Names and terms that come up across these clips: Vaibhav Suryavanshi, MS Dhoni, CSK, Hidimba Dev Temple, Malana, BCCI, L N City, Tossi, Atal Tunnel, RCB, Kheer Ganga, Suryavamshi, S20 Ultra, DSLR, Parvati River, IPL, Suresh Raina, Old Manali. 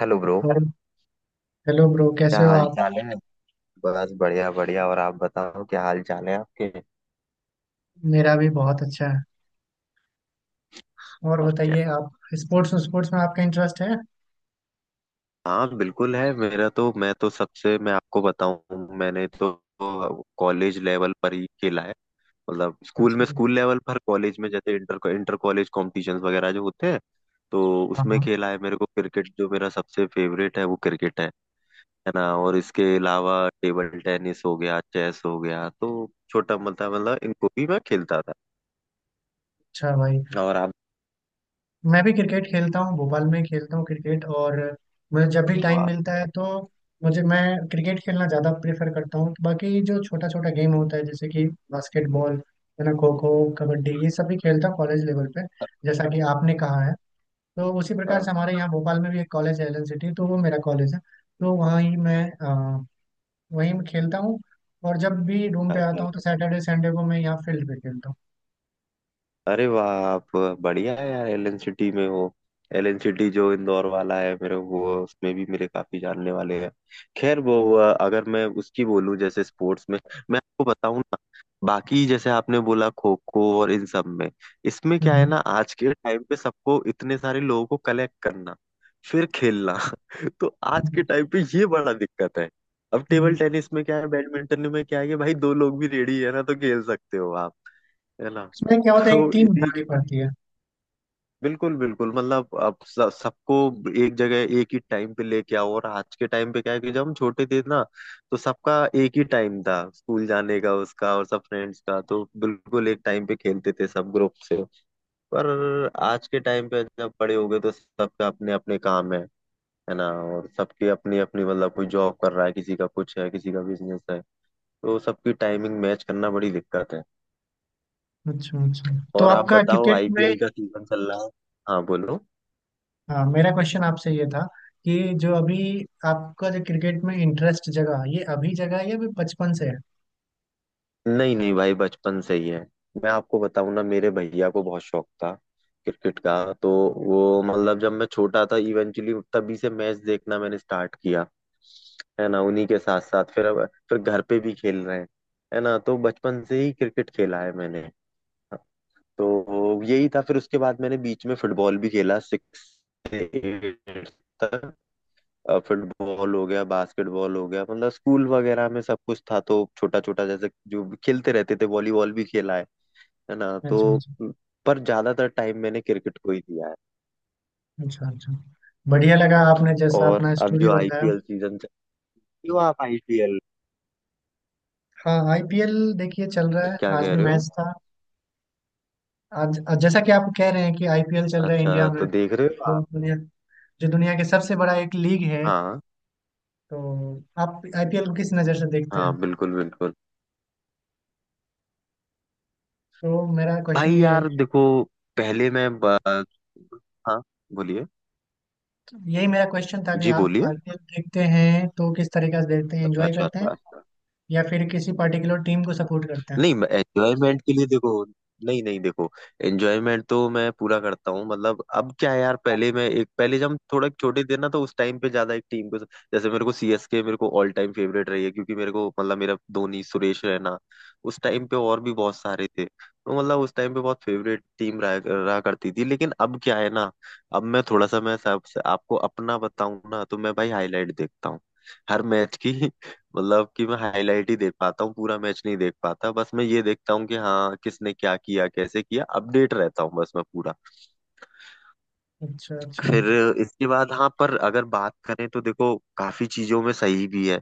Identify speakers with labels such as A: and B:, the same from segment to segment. A: Hello bro.
B: और hello bro,
A: क्या
B: कैसे हो
A: हाल
B: आप।
A: चाल है। बस बढ़िया बढ़िया और आप बताओ, क्या हाल चाल है आपके।
B: मेरा भी बहुत अच्छा है। और
A: और क्या।
B: बताइए आप। स्पोर्ट्स स्पोर्ट्स में आपका इंटरेस्ट है?
A: हाँ बिल्कुल है मेरा तो। मैं आपको बताऊं, मैंने तो कॉलेज लेवल पर ही खेला है। मतलब स्कूल
B: अच्छा।
A: में, स्कूल लेवल पर, कॉलेज में जैसे इंटर इंटर कॉलेज कॉम्पिटिशन्स वगैरह जो होते हैं, तो
B: हाँ
A: उसमें
B: हाँ।
A: खेला है। मेरे को क्रिकेट जो मेरा सबसे फेवरेट है वो क्रिकेट है ना। और इसके अलावा टेबल टेनिस हो गया, चेस हो गया, तो छोटा मोटा मतलब इनको भी मैं खेलता था।
B: अच्छा भाई,
A: और आप।
B: मैं भी क्रिकेट खेलता हूँ, भोपाल में खेलता हूँ क्रिकेट। और मुझे जब भी टाइम
A: धन्यवाद।
B: मिलता है तो मुझे मैं क्रिकेट खेलना ज़्यादा प्रेफर करता हूँ। बाकी जो छोटा छोटा गेम होता है, जैसे कि बास्केटबॉल है ना, खो खो, कबड्डी, ये सब भी खेलता हूँ कॉलेज लेवल पे। जैसा कि आपने कहा है, तो उसी प्रकार से हमारे यहाँ भोपाल में भी एक कॉलेज है LN सिटी, तो वो मेरा कॉलेज है। तो वहाँ ही मैं वही मैं खेलता हूँ। और जब भी रूम पे आता
A: अच्छा।
B: हूँ तो सैटरडे संडे को मैं यहाँ फील्ड पे खेलता हूँ।
A: अरे वाह आप, बढ़िया है यार एलन सिटी में हो। एलन सिटी जो इंदौर वाला है मेरे वो उसमें भी मेरे काफी जानने वाले हैं। खैर वो अगर मैं उसकी बोलूं जैसे स्पोर्ट्स में, मैं आपको बताऊं ना, बाकी जैसे आपने बोला खो खो और इन सब में, इसमें क्या है
B: हम्म।
A: ना, आज के टाइम पे सबको, इतने सारे लोगों को कलेक्ट करना फिर खेलना तो आज के
B: हम्म।
A: टाइम पे ये बड़ा दिक्कत है। अब टेबल
B: हम्म।
A: टेनिस में क्या है, बैडमिंटन में क्या है कि भाई दो लोग भी रेडी है ना तो खेल सकते हो आप, है ना।
B: इसमें क्या होता है,
A: तो
B: एक टीम
A: इसी
B: बनानी पड़ती है।
A: बिल्कुल बिल्कुल, मतलब अब सबको एक जगह एक ही टाइम पे लेके आओ। और आज के टाइम पे क्या है कि जब हम छोटे थे ना तो सबका एक ही टाइम था स्कूल जाने का, उसका और सब फ्रेंड्स का, तो बिल्कुल एक टाइम पे खेलते थे सब ग्रुप से। पर आज के टाइम पे जब बड़े हो गए तो सबका अपने अपने काम है ना। और सबकी अपनी अपनी, मतलब कोई जॉब कर रहा है, किसी का कुछ है, किसी का बिजनेस है, तो सबकी टाइमिंग मैच करना बड़ी दिक्कत है।
B: अच्छा अच्छा। तो
A: और आप
B: आपका
A: बताओ,
B: क्रिकेट में,
A: आईपीएल का सीजन चल रहा है। हाँ बोलो।
B: हाँ, मेरा क्वेश्चन आपसे ये था कि जो अभी आपका जो क्रिकेट में इंटरेस्ट जगह ये अभी जगह है या अभी बचपन से है।
A: नहीं नहीं भाई, बचपन से ही है। मैं आपको बताऊं ना, मेरे भैया को बहुत शौक था क्रिकेट का। तो वो मतलब जब मैं छोटा था इवेंचुअली तभी से मैच देखना मैंने स्टार्ट किया, है ना। उन्हीं के साथ साथ फिर अब फिर घर पे भी खेल रहे हैं, है ना। तो बचपन से ही क्रिकेट खेला है मैंने। तो यही था, फिर उसके बाद मैंने बीच में फुटबॉल भी खेला, फुटबॉल हो गया, बास्केटबॉल हो गया, मतलब स्कूल वगैरह में सब कुछ था तो छोटा छोटा जैसे जो भी खेलते रहते थे, वॉलीबॉल भी खेला है ना।
B: अच्छा
A: तो
B: अच्छा
A: पर ज्यादातर टाइम मैंने क्रिकेट को ही दिया है।
B: अच्छा अच्छा। बढ़िया लगा आपने जैसा
A: और
B: अपना
A: अब
B: स्टोरी
A: जो
B: बताया।
A: आईपीएल सीजन चल रही हो आप, आईपीएल
B: हाँ, आईपीएल देखिए चल रहा है,
A: क्या
B: आज
A: कह
B: भी
A: रहे हो।
B: मैच था। आज जैसा कि आप कह रहे हैं कि आईपीएल चल रहा है
A: अच्छा
B: इंडिया
A: तो
B: में,
A: देख रहे हो
B: तो
A: आप।
B: बढ़िया। जो दुनिया के सबसे बड़ा एक लीग है,
A: हाँ
B: तो आप आईपीएल को किस नज़र से देखते
A: हाँ
B: हैं?
A: बिल्कुल बिल्कुल।
B: तो मेरा क्वेश्चन
A: भाई
B: ये है।
A: यार देखो, पहले मैं ब- हाँ बोलिए।
B: यही मेरा क्वेश्चन था कि
A: जी
B: आप
A: बोलिए।
B: आईपीएल देखते हैं तो किस तरीके से देखते हैं,
A: अच्छा
B: एंजॉय
A: अच्छा
B: करते हैं
A: अच्छा अच्छा।
B: या फिर किसी पर्टिकुलर टीम को सपोर्ट करते हैं?
A: नहीं एंजॉयमेंट के लिए देखो, नहीं नहीं देखो, एंजॉयमेंट तो मैं पूरा करता हूँ। मतलब अब क्या है यार, पहले मैं एक पहले जब हम थोड़ा छोटे थे ना तो उस टाइम पे ज्यादा एक टीम को, जैसे मेरे को सीएसके मेरे को ऑल टाइम फेवरेट रही है, क्योंकि मेरे को मतलब मेरा धोनी, सुरेश रैना, उस टाइम पे और भी बहुत सारे थे, तो मतलब उस टाइम पे बहुत फेवरेट टीम रहा करती थी। लेकिन अब क्या है ना, अब मैं थोड़ा सा, मैं सब आपको अपना बताऊं ना, तो मैं भाई हाईलाइट देखता हूँ हर मैच की। मतलब कि मैं हाईलाइट ही देख पाता हूँ पूरा मैच नहीं देख पाता। बस मैं ये देखता हूँ कि हाँ किसने क्या किया, कैसे किया, अपडेट रहता हूँ बस मैं पूरा।
B: अच्छा अच्छा।
A: फिर इसके बाद हाँ, पर अगर बात करें तो देखो काफी चीजों में सही भी है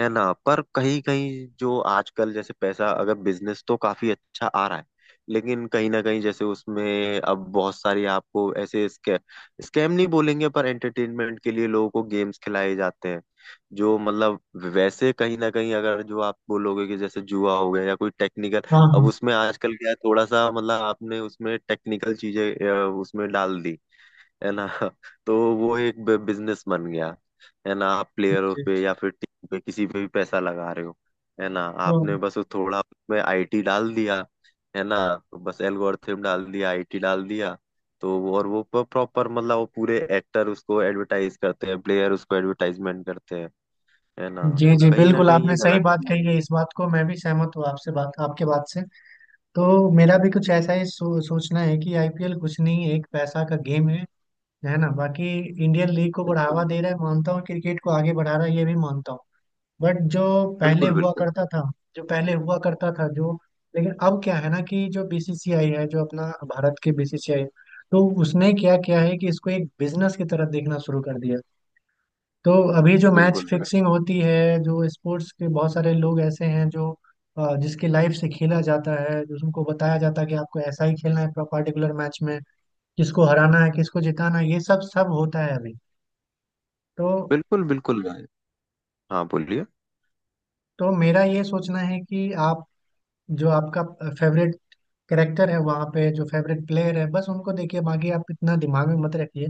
A: है ना। पर कहीं कहीं जो आजकल जैसे पैसा, अगर बिजनेस तो काफी अच्छा आ रहा है, लेकिन कहीं ना कहीं जैसे उसमें अब बहुत सारी आपको ऐसे स्कैम स्कैम नहीं बोलेंगे, पर एंटरटेनमेंट के लिए लोगों को गेम्स खिलाए जाते हैं जो मतलब वैसे कहीं ना कहीं, अगर जो आप बोलोगे कि जैसे जुआ हो गया या कोई टेक्निकल।
B: हाँ
A: अब
B: हाँ।
A: उसमें आजकल क्या है, थोड़ा सा मतलब आपने उसमें टेक्निकल चीजें उसमें डाल दी, है ना तो वो एक बिजनेस बन गया, है ना। आप प्लेयरों
B: जी।
A: पे या फिर टीम पे किसी पे भी पैसा लगा रहे हो, है ना।
B: तो
A: आपने बस वो थोड़ा उसमें आईटी डाल दिया, है ना। तो बस एल्गोरिथम डाल दिया, आईटी डाल दिया। और वो प्रॉपर मतलब वो पूरे एक्टर उसको एडवर्टाइज करते हैं, प्लेयर उसको एडवर्टाइजमेंट करते हैं, है ना।
B: जी
A: तो
B: जी
A: कहीं ना
B: बिल्कुल,
A: कहीं ये
B: आपने सही
A: गलत
B: बात
A: भी
B: कही
A: है।
B: है, इस बात को मैं भी सहमत हूँ आपसे, बात आपके बात से। तो मेरा भी कुछ ऐसा ही सोचना है कि आईपीएल कुछ नहीं, एक पैसा का गेम है ना। बाकी इंडियन लीग को बढ़ावा
A: बिल्कुल
B: दे रहा है, मानता हूँ, क्रिकेट को आगे बढ़ा रहा है ये भी मानता हूँ। बट जो पहले
A: बिल्कुल।
B: हुआ
A: बिल्कुल
B: करता था, जो पहले हुआ करता था, जो, लेकिन अब क्या है ना कि जो बीसीसीआई है, जो अपना भारत के बीसीसीआई, तो उसने क्या किया है कि इसको एक बिजनेस की तरह देखना शुरू कर दिया। तो अभी जो मैच
A: बिल्कुल। बिल्कुल
B: फिक्सिंग होती है, जो स्पोर्ट्स के बहुत सारे लोग ऐसे हैं जो, जिसकी लाइफ से खेला जाता है, जो उनको बताया जाता है कि आपको ऐसा ही खेलना है पर्टिकुलर मैच में, किसको हराना है किसको जिताना है, ये सब सब होता है अभी। तो
A: बिल्कुल बिल्कुल। हाँ बोलिए।
B: तो मेरा ये सोचना है कि आप, जो आपका फेवरेट कैरेक्टर है वहाँ पे, जो फेवरेट प्लेयर है बस उनको देखिए, बाकी आप इतना दिमाग में मत रखिए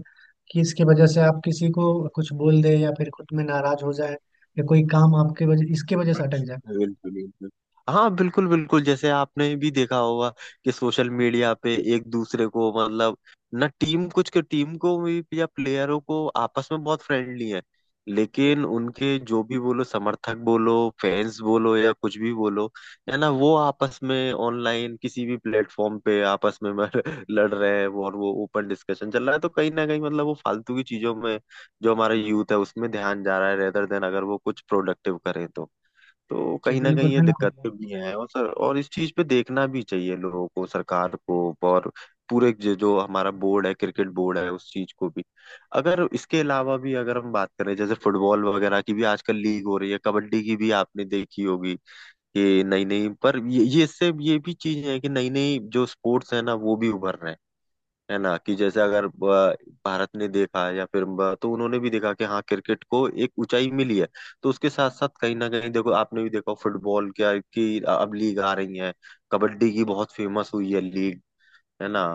B: कि इसकी वजह से आप किसी को कुछ बोल दे या फिर खुद में नाराज हो जाए, या कोई काम आपके वजह इसके वजह से अटक जाए।
A: बिल्कुल बिल्कुल। हाँ बिल्कुल बिल्कुल, जैसे आपने भी देखा होगा कि सोशल मीडिया पे एक दूसरे को मतलब, ना टीम कुछ के, टीम को भी या प्लेयरों को, आपस में बहुत फ्रेंडली है, लेकिन उनके जो भी बोलो समर्थक बोलो, फैंस बोलो या कुछ भी बोलो, है ना, वो आपस में ऑनलाइन किसी भी प्लेटफॉर्म पे आपस में लड़ रहे हैं, वो और वो ओपन डिस्कशन चल रहा है। तो कहीं ना कहीं मतलब वो फालतू की चीजों में जो हमारा यूथ है उसमें ध्यान जा रहा है रेदर देन अगर वो कुछ प्रोडक्टिव करें तो। तो
B: जी
A: कहीं ना
B: बिल्कुल
A: कहीं ये
B: बिल्कुल।
A: दिक्कतें भी हैं। और सर, और इस चीज पे देखना भी चाहिए लोगों को, सरकार को और पूरे जो जो हमारा बोर्ड है, क्रिकेट बोर्ड है, उस चीज को भी। अगर इसके अलावा भी अगर हम बात करें, जैसे फुटबॉल वगैरह की भी आजकल लीग हो रही है, कबड्डी की भी आपने देखी होगी कि नई नई। पर ये इससे ये भी चीज है कि नई नई जो स्पोर्ट्स है ना वो भी उभर रहे हैं, है ना। कि जैसे अगर भारत ने देखा या फिर ब-, तो उन्होंने भी देखा कि हाँ क्रिकेट को एक ऊंचाई मिली है। तो उसके साथ साथ कहीं ना कहीं देखो आपने भी देखा फुटबॉल क्या की अब लीग आ रही है, कबड्डी की बहुत फेमस हुई है लीग, है ना।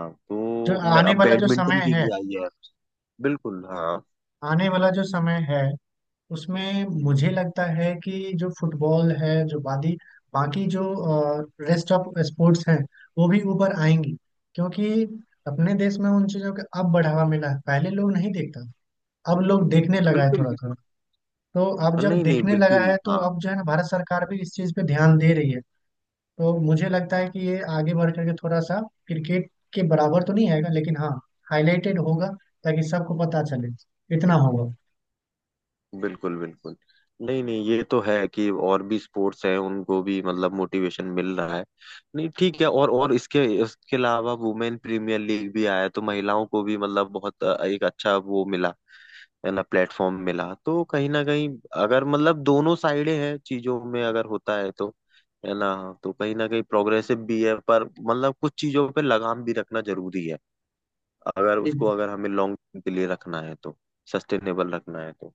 B: जो
A: तो
B: आने
A: अब
B: वाला जो समय
A: बैडमिंटन की
B: है,
A: भी आई है। बिल्कुल हाँ।
B: आने वाला जो समय है, उसमें मुझे लगता है कि जो फुटबॉल है, जो बादी, बाकी जो रेस्ट ऑफ स्पोर्ट्स हैं, वो भी ऊपर आएंगी। क्योंकि अपने देश में उन चीज़ों का अब बढ़ावा मिला है, पहले लोग नहीं देखता था। अब लोग देखने लगा है
A: बिल्कुल
B: थोड़ा थोड़ा।
A: बिल्कुल।
B: तो अब जब
A: नहीं नहीं
B: देखने लगा
A: बिल्कुल
B: है, तो
A: हाँ
B: अब जो है ना, भारत सरकार भी इस चीज़ पे ध्यान दे रही है। तो मुझे लगता है कि ये आगे बढ़ करके थोड़ा सा क्रिकेट के बराबर तो नहीं आएगा, लेकिन हाँ हाईलाइटेड होगा, ताकि सबको पता चले, इतना होगा।
A: बिल्कुल बिल्कुल। नहीं नहीं, ये तो है कि और भी स्पोर्ट्स हैं उनको भी मतलब मोटिवेशन मिल रहा है। नहीं ठीक है, और इसके इसके अलावा वुमेन प्रीमियर लीग भी आया तो महिलाओं को भी मतलब बहुत एक अच्छा वो मिला, है ना, प्लेटफॉर्म मिला। तो कहीं ना कहीं, अगर मतलब दोनों साइडें हैं चीजों में, अगर होता है तो, है ना। तो कहीं ना कहीं प्रोग्रेसिव भी है पर मतलब कुछ चीजों पे लगाम भी रखना जरूरी है, अगर उसको, अगर हमें लॉन्ग के लिए रखना है तो, सस्टेनेबल रखना है तो।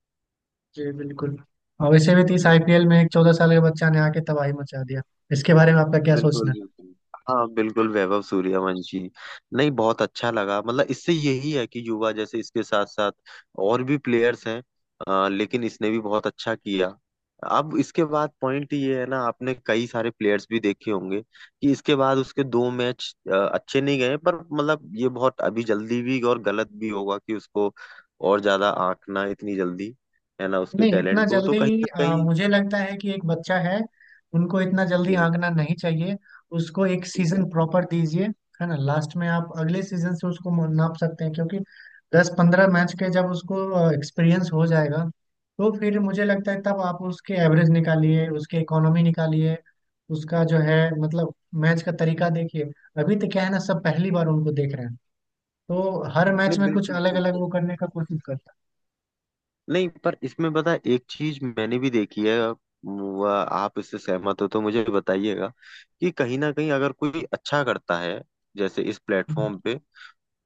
B: जी बिल्कुल। और वैसे भी तो इस
A: बिल्कुल।
B: आईपीएल में एक 14 साल के बच्चा ने आके तबाही मचा दिया। इसके बारे में आपका क्या
A: बिल्कुल
B: सोचना?
A: बिल्कुल। हाँ बिल्कुल वैभव सूर्यवंशी। नहीं बहुत अच्छा लगा, मतलब इससे यही है कि युवा, जैसे इसके साथ साथ और भी प्लेयर्स हैं, लेकिन इसने भी बहुत अच्छा किया। अब इसके बाद पॉइंट ये है ना, आपने कई सारे प्लेयर्स भी देखे होंगे कि इसके बाद उसके दो मैच अच्छे नहीं गए। पर मतलब ये बहुत अभी जल्दी भी और गलत भी होगा कि उसको और ज्यादा आंकना इतनी जल्दी, है ना, उसके
B: नहीं इतना
A: टैलेंट को, तो कहीं
B: जल्दी,
A: ना कहीं।
B: मुझे लगता है कि एक बच्चा है, उनको इतना जल्दी
A: हम्म,
B: आंकना नहीं चाहिए। उसको एक
A: बिल्कुल।
B: सीजन प्रॉपर दीजिए, है ना। लास्ट में आप अगले सीजन से उसको नाप सकते हैं, क्योंकि 10 15 मैच के जब उसको एक्सपीरियंस हो जाएगा, तो फिर मुझे लगता है तब आप उसके एवरेज निकालिए, उसके इकोनॉमी निकालिए, उसका जो है, मतलब मैच का तरीका देखिए। अभी तो क्या है ना, सब पहली बार उनको देख रहे हैं, तो हर मैच
A: नहीं
B: में कुछ
A: बिल्कुल
B: अलग अलग
A: बिल्कुल।
B: वो करने का कोशिश करता
A: नहीं पर इसमें पता है एक चीज मैंने भी देखी है आप, आप इससे सहमत हो तो मुझे बताइएगा कि कहीं ना कहीं अगर कोई अच्छा करता है जैसे इस
B: है। हम्म।
A: प्लेटफॉर्म पे,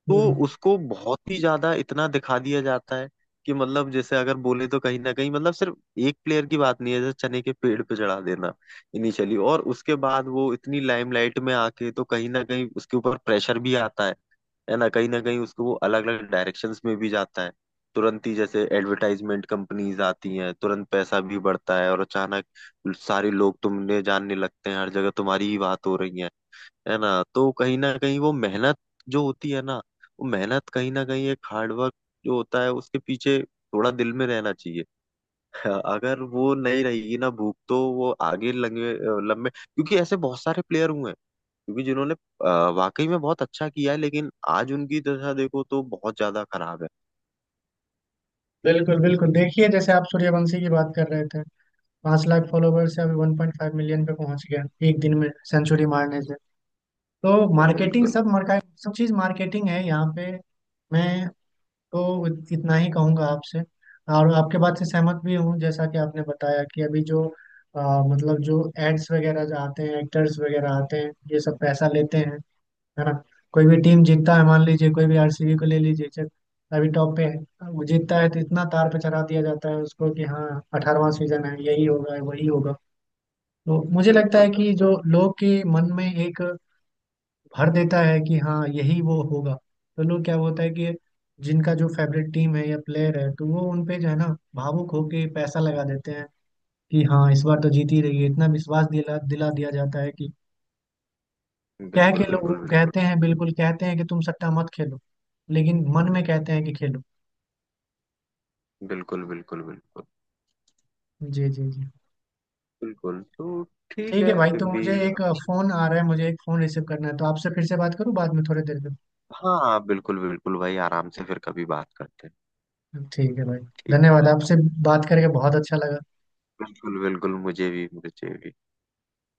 A: तो
B: हम्म।
A: उसको बहुत ही ज्यादा इतना दिखा दिया जाता है कि मतलब जैसे अगर बोले, तो कहीं ना कहीं मतलब सिर्फ एक प्लेयर की बात नहीं है, जैसे चने के पेड़ पे चढ़ा देना इनिशियली, और उसके बाद वो इतनी लाइमलाइट में आके तो कहीं ना कहीं उसके ऊपर प्रेशर भी आता है ना। कहीं ना कहीं उसको वो अलग अलग डायरेक्शंस में भी जाता है, तुरंत ही जैसे एडवर्टाइजमेंट कंपनीज आती हैं, तुरंत पैसा भी बढ़ता है, और अचानक सारे लोग तुमने जानने लगते हैं, हर जगह तुम्हारी ही बात हो रही है ना। तो कहीं ना कहीं वो मेहनत जो होती है ना, वो मेहनत कहीं ना कहीं एक हार्डवर्क जो होता है उसके पीछे थोड़ा दिल में रहना चाहिए अगर वो नहीं रहेगी ना भूख, तो वो आगे लंबे लंबे क्योंकि ऐसे बहुत सारे प्लेयर हुए हैं, क्योंकि जिन्होंने वाकई में बहुत अच्छा किया है लेकिन आज उनकी दशा देखो तो बहुत ज्यादा खराब है।
B: बिल्कुल बिल्कुल, देखिए जैसे आप सूर्यवंशी की बात कर रहे थे, 5 लाख फॉलोवर से अभी 1.5 million पे पहुंच गया, एक दिन में सेंचुरी मारने से। तो मार्केटिंग,
A: बिल्कुल
B: सब मार्का, सब चीज मार्केटिंग है यहाँ पे। मैं तो इतना ही कहूंगा आपसे, और आपके बात से सहमत भी हूँ, जैसा कि आपने बताया कि अभी जो, अ, मतलब जो एड्स वगैरह जो आते हैं, एक्टर्स वगैरह आते हैं, ये सब पैसा लेते हैं, है ना। कोई भी टीम जीतता है, मान लीजिए कोई भी आरसीबी को ले लीजिए, चल अभी टॉप पे है, वो जीतता है तो इतना तार पे चढ़ा दिया जाता है उसको कि हाँ, 18वां सीजन है, यही होगा वही होगा। तो मुझे लगता
A: बिल्कुल।
B: है कि जो लोग के मन में एक भर देता है कि हाँ, यही वो होगा। तो लोग, क्या होता है कि जिनका जो फेवरेट टीम है या प्लेयर है, तो वो उन पे जो है ना, भावुक होके पैसा लगा देते हैं कि हाँ इस बार तो जीत ही रही है, इतना विश्वास दिला दिला दिया जाता है कि, क्या है कि,
A: बिल्कुल
B: लोग वो
A: बिल्कुल बिल्कुल।
B: कहते हैं, बिल्कुल कहते हैं कि तुम सट्टा मत खेलो, लेकिन मन में कहते हैं कि खेलो।
A: बिल्कुल बिल्कुल बिल्कुल
B: जी जी जी।
A: बिल्कुल। तो ठीक
B: ठीक है
A: है
B: भाई,
A: फिर
B: तो
A: भी।
B: मुझे एक फोन आ रहा है, मुझे एक फोन रिसीव करना है, तो आपसे फिर से बात करूँ बाद में थोड़ी देर में।
A: हाँ बिल्कुल बिल्कुल भाई, आराम से फिर कभी बात करते हैं।
B: ठीक है भाई।
A: ठीक है
B: धन्यवाद
A: भाई।
B: आपसे, बात करके बहुत अच्छा लगा।
A: बिल्कुल बिल्कुल, मुझे भी मुझे भी।